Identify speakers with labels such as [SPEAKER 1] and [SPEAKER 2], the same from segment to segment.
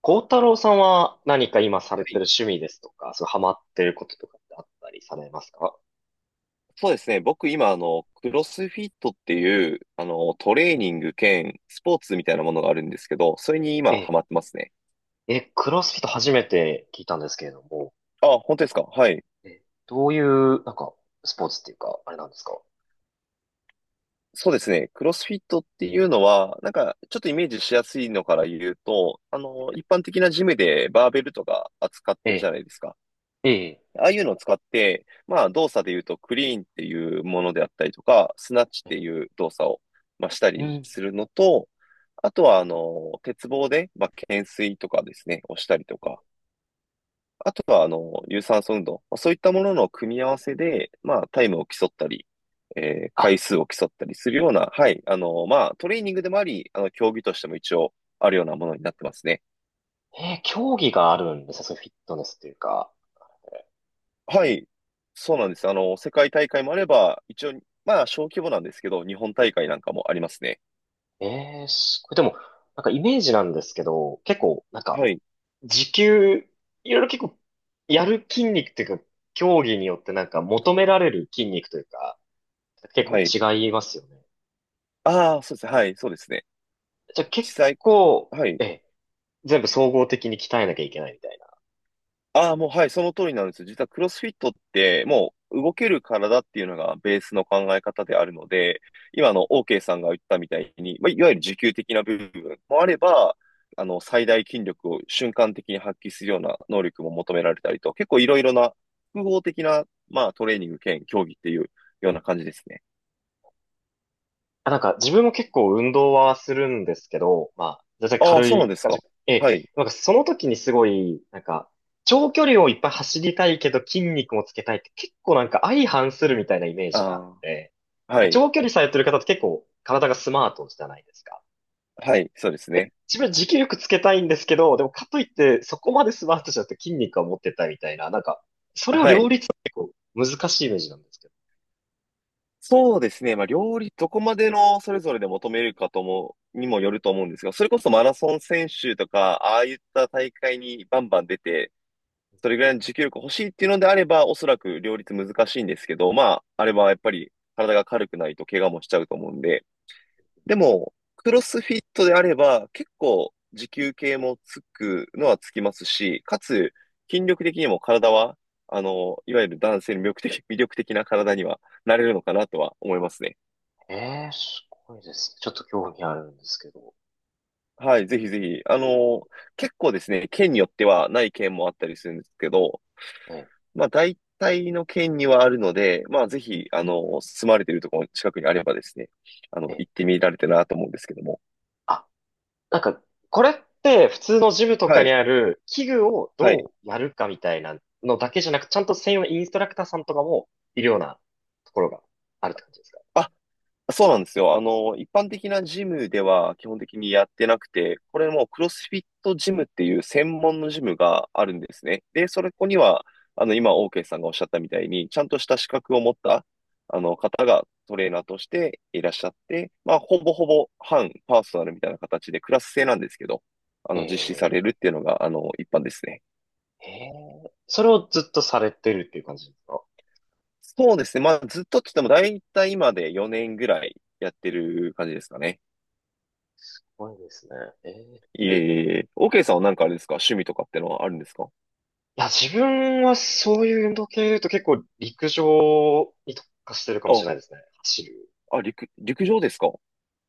[SPEAKER 1] 孝太郎さんは何か今されてる
[SPEAKER 2] い。
[SPEAKER 1] 趣味ですとか、そう、ハマってることとかってあったりされますか？
[SPEAKER 2] そうですね。僕今、クロスフィットっていう、トレーニング兼スポーツみたいなものがあるんですけど、それに今ハ
[SPEAKER 1] え
[SPEAKER 2] マってますね。
[SPEAKER 1] え、クロスフィット初めて聞いたんですけれども、
[SPEAKER 2] あ、本当ですか？はい。
[SPEAKER 1] どういう、なんか、スポーツっていうか、あれなんですか？
[SPEAKER 2] そうですね。クロスフィットっていうのは、なんか、ちょっとイメージしやすいのから言うと、一般的なジムでバーベルとか扱っ
[SPEAKER 1] え
[SPEAKER 2] てるじゃないですか。
[SPEAKER 1] え、ええ、
[SPEAKER 2] ああいうのを使って、まあ動作で言うとクリーンっていうものであったりとか、スナッチっ
[SPEAKER 1] え
[SPEAKER 2] ていう動作を、まあ、した
[SPEAKER 1] う
[SPEAKER 2] り
[SPEAKER 1] ん。
[SPEAKER 2] するのと、あとは鉄棒で、まあ、懸垂とかですね、をしたりとか、あとは有酸素運動、まあそういったものの組み合わせで、まあタイムを競ったり、
[SPEAKER 1] あ、
[SPEAKER 2] 回数を競ったりするような、はい、まあトレーニングでもあり、競技としても一応あるようなものになってますね。
[SPEAKER 1] ええ、競技があるんですね、そういうフィットネスっていうか。
[SPEAKER 2] はい、そうなんです。世界大会もあれば、一応、まあ、小規模なんですけど、日本大会なんかもありますね。
[SPEAKER 1] ええ、これでも、なんかイメージなんですけど、結構、なんか、
[SPEAKER 2] はい、
[SPEAKER 1] 時給、いろいろ結構、やる筋肉っていうか、競技によってなんか求められる筋肉というか、結
[SPEAKER 2] はい。
[SPEAKER 1] 構違いますよね。
[SPEAKER 2] ああ、そうですね。はい、そうですね。
[SPEAKER 1] じゃあ結
[SPEAKER 2] 実際、
[SPEAKER 1] 構、
[SPEAKER 2] はい。
[SPEAKER 1] ええ、全部総合的に鍛えなきゃいけないみたいな。
[SPEAKER 2] ああ、もうはい、その通りなんです。実はクロスフィットって、もう動ける体っていうのがベースの考え方であるので、今
[SPEAKER 1] ええ
[SPEAKER 2] OK さんが言ったみたいに、まあ、いわゆる持久的な部分もあれば、最大筋力を瞬間的に発揮するような能力も求められたりと、結構いろいろな複合的な、まあ、トレーニング兼競技っていうような感じですね。
[SPEAKER 1] あ、なんか自分も結構運動はするんですけど、まあ、全然
[SPEAKER 2] ああ、
[SPEAKER 1] 軽
[SPEAKER 2] そうなん
[SPEAKER 1] い
[SPEAKER 2] です
[SPEAKER 1] 感
[SPEAKER 2] か。
[SPEAKER 1] じ。ええ、
[SPEAKER 2] はい。
[SPEAKER 1] なんかその時にすごい、なんか、長距離をいっぱい走りたいけど筋肉もつけたいって結構なんか相反するみたいなイメージがあっ
[SPEAKER 2] あ
[SPEAKER 1] て、
[SPEAKER 2] あ、
[SPEAKER 1] なん
[SPEAKER 2] は
[SPEAKER 1] か
[SPEAKER 2] い。
[SPEAKER 1] 長距離されてる方って結構体がスマートじゃないですか。
[SPEAKER 2] はい、そうですね。
[SPEAKER 1] 自分は持久力つけたいんですけど、でもかといってそこまでスマートじゃなくて筋肉は持ってたみたいな、なんか、それを
[SPEAKER 2] は
[SPEAKER 1] 両
[SPEAKER 2] い。
[SPEAKER 1] 立って結構難しいイメージなんですけど。
[SPEAKER 2] そうですね。まあ、料理、どこまでのそれぞれで求めるかとも、にもよると思うんですが、それこそマラソン選手とか、ああいった大会にバンバン出て、それぐらいの持久力欲しいっていうのであれば、おそらく両立難しいんですけど、まあ、あれはやっぱり体が軽くないと怪我もしちゃうと思うんで、でも、クロスフィットであれば、結構持久系もつくのはつきますし、かつ、筋力的にも体は、いわゆる男性の魅力的な体にはなれるのかなとは思いますね。
[SPEAKER 1] ええ、すごいですね。ちょっと興味あるんですけど。
[SPEAKER 2] はい、ぜひぜひ。結構ですね、県によってはない県もあったりするんですけど、
[SPEAKER 1] ええ、
[SPEAKER 2] まあ大体の県にはあるので、まあぜひ、住まれているところの近くにあればですね、
[SPEAKER 1] ええ。
[SPEAKER 2] 行ってみられたらなと思うんですけども。
[SPEAKER 1] あ、なんか、これって普通のジムと
[SPEAKER 2] は
[SPEAKER 1] かに
[SPEAKER 2] い、
[SPEAKER 1] ある器具を
[SPEAKER 2] はい。
[SPEAKER 1] どうやるかみたいなのだけじゃなく、ちゃんと専用のインストラクターさんとかもいるようなところがあるって感じですか？
[SPEAKER 2] あ、そうなんですよ。一般的なジムでは基本的にやってなくて、これもクロスフィットジムっていう専門のジムがあるんですね。で、それここには、今、オーケーさんがおっしゃったみたいに、ちゃんとした資格を持った、方がトレーナーとしていらっしゃって、まあ、ほぼほぼ半パーソナルみたいな形でクラス制なんですけど、
[SPEAKER 1] え
[SPEAKER 2] 実施され
[SPEAKER 1] え、
[SPEAKER 2] るっていうのが、一般ですね。
[SPEAKER 1] ええ、それをずっとされてるっていう感じですか？
[SPEAKER 2] そうですね。まあ、ずっとって言っても、だいたい今で4年ぐらいやってる感じですかね。
[SPEAKER 1] すごいですね。ええ。
[SPEAKER 2] いえいえいえ。OK さんはなんかあれですか？趣味とかってのはあるんですか？
[SPEAKER 1] いや、自分はそういう運動系で言うと結構陸上に特化してるかもし
[SPEAKER 2] あ、
[SPEAKER 1] れないですね。走る。
[SPEAKER 2] 陸上ですか？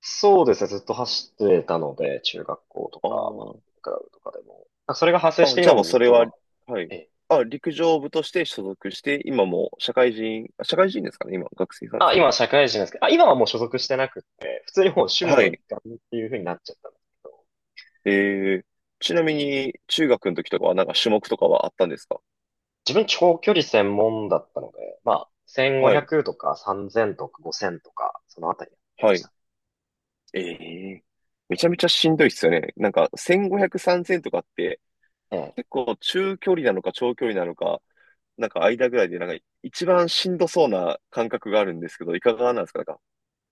[SPEAKER 1] そうですね。ずっと走ってたので、中学校とか、まあ、
[SPEAKER 2] あ
[SPEAKER 1] クラブとかでも。あ、それが発生
[SPEAKER 2] あ、
[SPEAKER 1] し
[SPEAKER 2] あ、
[SPEAKER 1] て
[SPEAKER 2] じゃ
[SPEAKER 1] 今
[SPEAKER 2] あも
[SPEAKER 1] も
[SPEAKER 2] う
[SPEAKER 1] ず
[SPEAKER 2] そ
[SPEAKER 1] っ
[SPEAKER 2] れ
[SPEAKER 1] と、ま
[SPEAKER 2] は、
[SPEAKER 1] あ、
[SPEAKER 2] はい。
[SPEAKER 1] ええ。
[SPEAKER 2] あ、陸上部として所属して、今もう社会人、社会人ですかね今、学生さんで
[SPEAKER 1] あ、
[SPEAKER 2] す
[SPEAKER 1] 今は社会人ですけど、あ、今はもう所属してなくて、普通にもう趣
[SPEAKER 2] か？
[SPEAKER 1] 味
[SPEAKER 2] は
[SPEAKER 1] の一
[SPEAKER 2] い。
[SPEAKER 1] 環っていう風になっちゃったんですけど、
[SPEAKER 2] えー、ちなみに、中学の時とかはなんか種目とかはあったんですか？
[SPEAKER 1] 自分長距離専門だったので、まあ、
[SPEAKER 2] はい。
[SPEAKER 1] 1500とか3000とか5000とか、そのあたりやってま
[SPEAKER 2] は
[SPEAKER 1] し
[SPEAKER 2] い。
[SPEAKER 1] た。
[SPEAKER 2] ええ、めちゃめちゃしんどいっすよね。なんか、1500、3000とかって、
[SPEAKER 1] ええ
[SPEAKER 2] 結構中距離なのか長距離なのか、なんか間ぐらいで、なんか一番しんどそうな感覚があるんですけど、いかがなんですかなんか。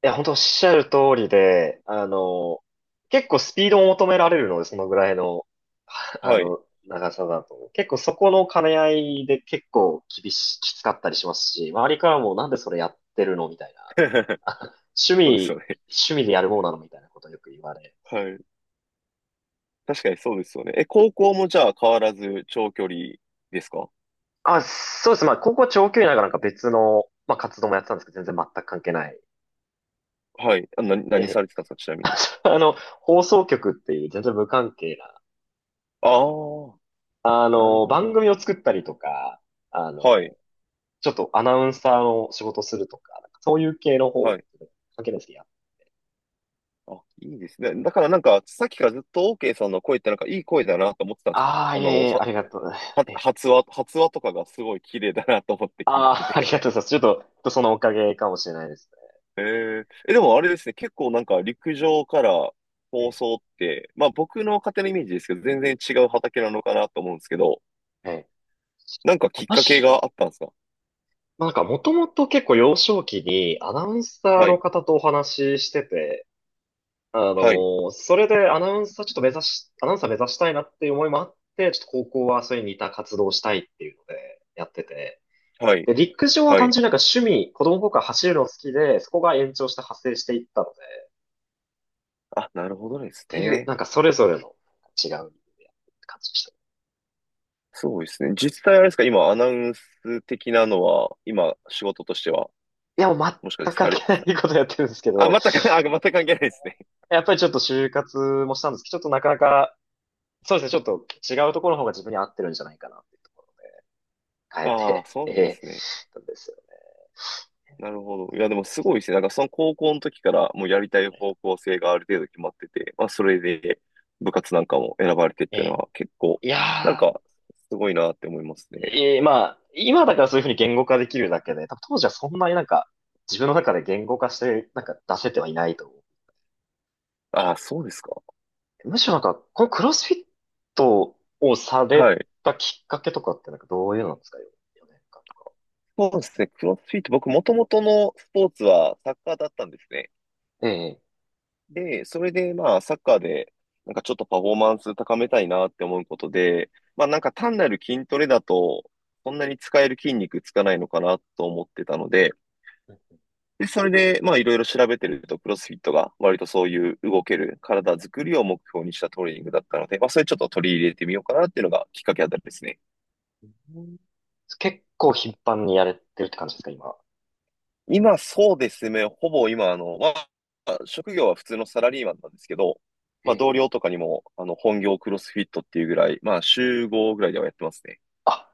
[SPEAKER 1] いや、本当おっしゃる通りで、結構スピードを求められるので、そのぐらいの、
[SPEAKER 2] はい。
[SPEAKER 1] 長さだと。結構そこの兼ね合いで結構きつかったりしますし、周りからもなんでそれやってるのみたいな。あ趣
[SPEAKER 2] そうですよ
[SPEAKER 1] 味、
[SPEAKER 2] ね。
[SPEAKER 1] 趣味でやるものなのみたいなことをよく言われ。
[SPEAKER 2] はい。確かにそうですよね。え、高校もじゃあ変わらず長距離ですか？
[SPEAKER 1] あ、そうです。まあ、高校長距離ながらなんか別の、まあ、活動もやってたんですけど、全然全く関係ない。
[SPEAKER 2] はい。あ、
[SPEAKER 1] え
[SPEAKER 2] 何さ
[SPEAKER 1] え、
[SPEAKER 2] れてたんですかちな みに。
[SPEAKER 1] あ、そう、放送局っていう全然無関係な、
[SPEAKER 2] ああ、なるほ
[SPEAKER 1] 番
[SPEAKER 2] ど。
[SPEAKER 1] 組を作ったりとか、あの、
[SPEAKER 2] はい。
[SPEAKER 1] ちょっとアナウンサーの仕事するとか、なんかそういう系の方
[SPEAKER 2] は
[SPEAKER 1] を
[SPEAKER 2] い。
[SPEAKER 1] かけいですけど、いや。
[SPEAKER 2] あ、いいですね。だからなんか、さっきからずっと OK さんの声ってなんかいい声だなと思ってたんですよ。
[SPEAKER 1] ああ、
[SPEAKER 2] あ
[SPEAKER 1] いえ
[SPEAKER 2] の、
[SPEAKER 1] いえ、
[SPEAKER 2] は、
[SPEAKER 1] ありがとう。
[SPEAKER 2] は、
[SPEAKER 1] え、
[SPEAKER 2] 発話、発話とかがすごい綺麗だなと思って聞い
[SPEAKER 1] あ
[SPEAKER 2] て
[SPEAKER 1] あ、あり
[SPEAKER 2] て。
[SPEAKER 1] がとうございます。ちょっとそのおかげかもしれないです
[SPEAKER 2] え、でもあれですね、結構なんか陸上から放
[SPEAKER 1] ね。
[SPEAKER 2] 送って、まあ僕の勝手なイメージですけど、全然違う畑なのかなと思うんですけど、
[SPEAKER 1] ええ、ええ。
[SPEAKER 2] なんかきっかけ
[SPEAKER 1] 私、
[SPEAKER 2] があったんですか？
[SPEAKER 1] なんかもともと結構幼少期にアナウンサー
[SPEAKER 2] は
[SPEAKER 1] の
[SPEAKER 2] い、
[SPEAKER 1] 方とお話ししてて、あの
[SPEAKER 2] はい、
[SPEAKER 1] それでアナウンサーちょっと目指し、アナウンサー目指したいなっていう思いもあって、ちょっと高校はそれに似た活動をしたいっていうのでやってて、
[SPEAKER 2] はい、
[SPEAKER 1] で、陸上は
[SPEAKER 2] は
[SPEAKER 1] 単
[SPEAKER 2] い。
[SPEAKER 1] 純になんか趣味、子供の頃から走るの好きで、そこが延長して派生していったので、っ
[SPEAKER 2] あ、なるほどです
[SPEAKER 1] ていう、
[SPEAKER 2] ね。
[SPEAKER 1] なんかそれぞれの違う感じでした。
[SPEAKER 2] そうですね。実際あれですか、今アナウンス的なのは、今仕事としては、
[SPEAKER 1] いや、もう
[SPEAKER 2] もしか
[SPEAKER 1] 全
[SPEAKER 2] し
[SPEAKER 1] く
[SPEAKER 2] て
[SPEAKER 1] 関
[SPEAKER 2] されて
[SPEAKER 1] 係な
[SPEAKER 2] た、
[SPEAKER 1] いことやってるんですけ
[SPEAKER 2] あ、
[SPEAKER 1] ど、
[SPEAKER 2] 全く関係ないですね。
[SPEAKER 1] やっぱりちょっと就活もしたんですけど、ちょっとなかなか、そうですね、ちょっと違うところの方が自分に合ってるんじゃないかなっていうところを変え
[SPEAKER 2] ああ、
[SPEAKER 1] て、
[SPEAKER 2] そ う
[SPEAKER 1] え
[SPEAKER 2] なんで
[SPEAKER 1] え、
[SPEAKER 2] すね。
[SPEAKER 1] なんですよ。
[SPEAKER 2] なるほど。いや、でもすごいですね。なんかその高校の時からもうやりたい方向性がある程度決まってて、まあそれで部活なんかも選ばれてっ
[SPEAKER 1] え
[SPEAKER 2] ていうの
[SPEAKER 1] え。
[SPEAKER 2] は結構、
[SPEAKER 1] い
[SPEAKER 2] なん
[SPEAKER 1] や
[SPEAKER 2] かすごいなって思いますね。
[SPEAKER 1] ー、ええ、まあ、今だからそういうふうに言語化できるだけで、多分当時はそんなになんか、自分の中で言語化して、なんか出せてはいないと思。
[SPEAKER 2] ああ、そうですか。
[SPEAKER 1] むしろなんか、このクロスフィットをさ
[SPEAKER 2] は
[SPEAKER 1] れ
[SPEAKER 2] い。
[SPEAKER 1] たきっかけとかってなんかどういうのなんですか？ 4 年間とか。
[SPEAKER 2] そうですね。クロスフィット、僕もともとのスポーツはサッカーだったんですね。
[SPEAKER 1] ええ。
[SPEAKER 2] で、それでまあサッカーでなんかちょっとパフォーマンス高めたいなって思うことで、まあなんか単なる筋トレだとそんなに使える筋肉つかないのかなと思ってたので、で、それで、まあ、いろいろ調べてると、クロスフィットが割とそういう動ける体作りを目標にしたトレーニングだったので、まあ、それちょっと取り入れてみようかなっていうのがきっかけあたりですね。
[SPEAKER 1] うん、結構頻繁にやれてるって感じですか、今。
[SPEAKER 2] 今、そうですね。ほぼ今、まあ、職業は普通のサラリーマンなんですけど、
[SPEAKER 1] え
[SPEAKER 2] まあ、
[SPEAKER 1] え。
[SPEAKER 2] 同僚とかにも、本業クロスフィットっていうぐらい、まあ、週5ぐらいではやってますね。
[SPEAKER 1] あ、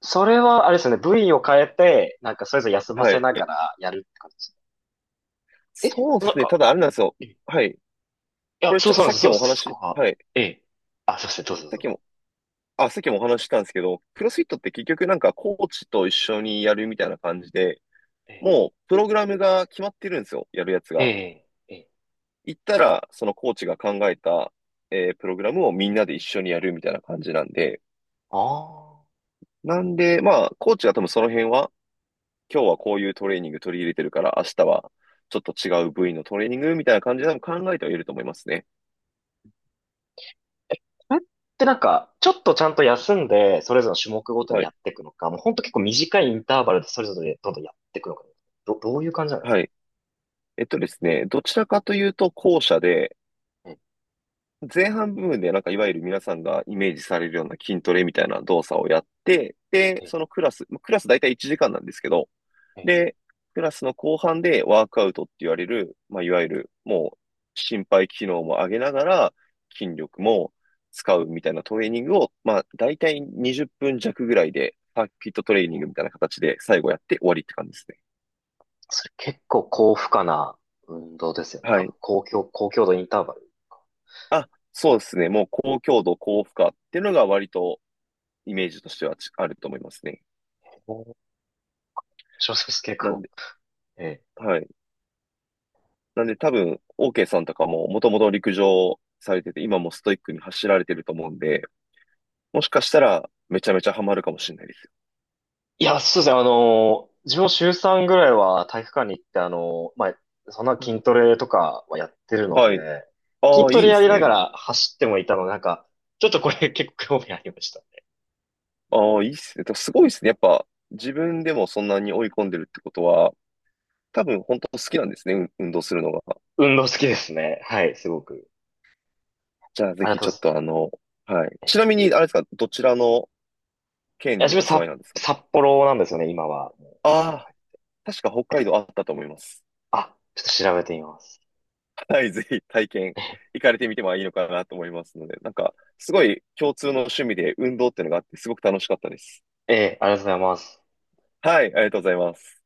[SPEAKER 1] それはあれですよね。部位を変えて、なんかそれぞれ休ま
[SPEAKER 2] は
[SPEAKER 1] せなが
[SPEAKER 2] い。
[SPEAKER 1] らやるって感じですね。
[SPEAKER 2] そうで
[SPEAKER 1] なん
[SPEAKER 2] すね。た
[SPEAKER 1] か、
[SPEAKER 2] だ、あれなんですよ。
[SPEAKER 1] えい
[SPEAKER 2] はい。
[SPEAKER 1] や、
[SPEAKER 2] これ
[SPEAKER 1] そ
[SPEAKER 2] ちょ
[SPEAKER 1] う
[SPEAKER 2] っ
[SPEAKER 1] そ
[SPEAKER 2] と
[SPEAKER 1] うなん
[SPEAKER 2] さ
[SPEAKER 1] で
[SPEAKER 2] っ
[SPEAKER 1] す。
[SPEAKER 2] き
[SPEAKER 1] そ、
[SPEAKER 2] もお
[SPEAKER 1] そそこ
[SPEAKER 2] 話、
[SPEAKER 1] が。
[SPEAKER 2] はい。
[SPEAKER 1] ええ。あ、すいません。どうぞどう
[SPEAKER 2] さっ
[SPEAKER 1] ぞ。
[SPEAKER 2] きもさっきもお話ししたんですけど、クロスフィットって結局なんかコーチと一緒にやるみたいな感じで、
[SPEAKER 1] ええ。
[SPEAKER 2] もうプログラムが決まってるんですよ、やるやつ
[SPEAKER 1] え
[SPEAKER 2] が。
[SPEAKER 1] え。ええ。
[SPEAKER 2] 行ったら、そのコーチが考えた、プログラムをみんなで一緒にやるみたいな感じなんで、
[SPEAKER 1] ああ。
[SPEAKER 2] なんで、まあ、コーチは多分その辺は、今日はこういうトレーニング取り入れてるから、明日はちょっと違う部位のトレーニングみたいな感じで多分考えてはいると思いますね。
[SPEAKER 1] それってなんか、ちょっとちゃんと休んで、それぞれの種目ごとに
[SPEAKER 2] は
[SPEAKER 1] やっ
[SPEAKER 2] い。
[SPEAKER 1] ていくのか、もうほんと結構短いインターバルでそれぞれどんどんやっていくのか、どういう感じなんです
[SPEAKER 2] は
[SPEAKER 1] か？
[SPEAKER 2] い。ですね、どちらかというと後者で、
[SPEAKER 1] え、
[SPEAKER 2] 前半部分でなんかいわゆる皆さんがイメージされるような筋トレみたいな動作をやって、で、
[SPEAKER 1] え、
[SPEAKER 2] そのクラス、まあクラス大体1時間なんですけど、
[SPEAKER 1] え、
[SPEAKER 2] で、クラスの後半でワークアウトって言われる、まあ、いわゆるもう心肺機能も上げながら筋力も使うみたいなトレーニングを、まあ、大体20分弱ぐらいでサーキットトレーニングみたいな形で最後やって終わりって感じですね。
[SPEAKER 1] それ結構高負荷な運動ですよね。
[SPEAKER 2] は
[SPEAKER 1] 多分、
[SPEAKER 2] い。
[SPEAKER 1] 高強度インターバルか。
[SPEAKER 2] あ、そうですね。もう高強度、高負荷っていうのが割とイメージとしてはちあると思いますね。
[SPEAKER 1] 小説結
[SPEAKER 2] なん
[SPEAKER 1] 構。ええ。
[SPEAKER 2] はい。なんで多分、OK さんとかももともと陸上されてて、今もストイックに走られてると思うんで、もしかしたらめちゃめちゃハマるかもしれないです
[SPEAKER 1] いや、そうですね。自分も週3ぐらいは体育館に行って、まあ、そんな
[SPEAKER 2] よ。
[SPEAKER 1] 筋トレとかはやってるので、
[SPEAKER 2] はい。あ
[SPEAKER 1] 筋
[SPEAKER 2] あ、
[SPEAKER 1] ト
[SPEAKER 2] いい
[SPEAKER 1] レ
[SPEAKER 2] で
[SPEAKER 1] やり
[SPEAKER 2] す
[SPEAKER 1] なが
[SPEAKER 2] ね。
[SPEAKER 1] ら走ってもいたので、なんか、ちょっとこれ結構興味ありました。
[SPEAKER 2] ああ、いいですね。とすごいですね。やっぱ自分でもそんなに追い込んでるってことは、多分本当好きなんですね。運動するのが。
[SPEAKER 1] 運動好きですね。はい、すごく。
[SPEAKER 2] じゃあぜ
[SPEAKER 1] ありが
[SPEAKER 2] ひ
[SPEAKER 1] とう
[SPEAKER 2] ちょ
[SPEAKER 1] ご
[SPEAKER 2] っ
[SPEAKER 1] ざいます。
[SPEAKER 2] とはい。
[SPEAKER 1] え
[SPEAKER 2] ちなみに、あれですか、どちらの
[SPEAKER 1] い
[SPEAKER 2] 県
[SPEAKER 1] や、
[SPEAKER 2] に
[SPEAKER 1] 自分
[SPEAKER 2] お住
[SPEAKER 1] 札、
[SPEAKER 2] まいなんですか？
[SPEAKER 1] 札幌なんですよね、今は。は
[SPEAKER 2] ああ、
[SPEAKER 1] い
[SPEAKER 2] 確か北海道あったと思います。
[SPEAKER 1] あ、ちょっと調べてみます。
[SPEAKER 2] はい、ぜひ体験、行かれてみてもいいのかなと思いますので、なんか、すごい共通の趣味で運動っていうのがあって、すごく楽しかったです。
[SPEAKER 1] ええ、ありがとうございます。
[SPEAKER 2] はい、ありがとうございます。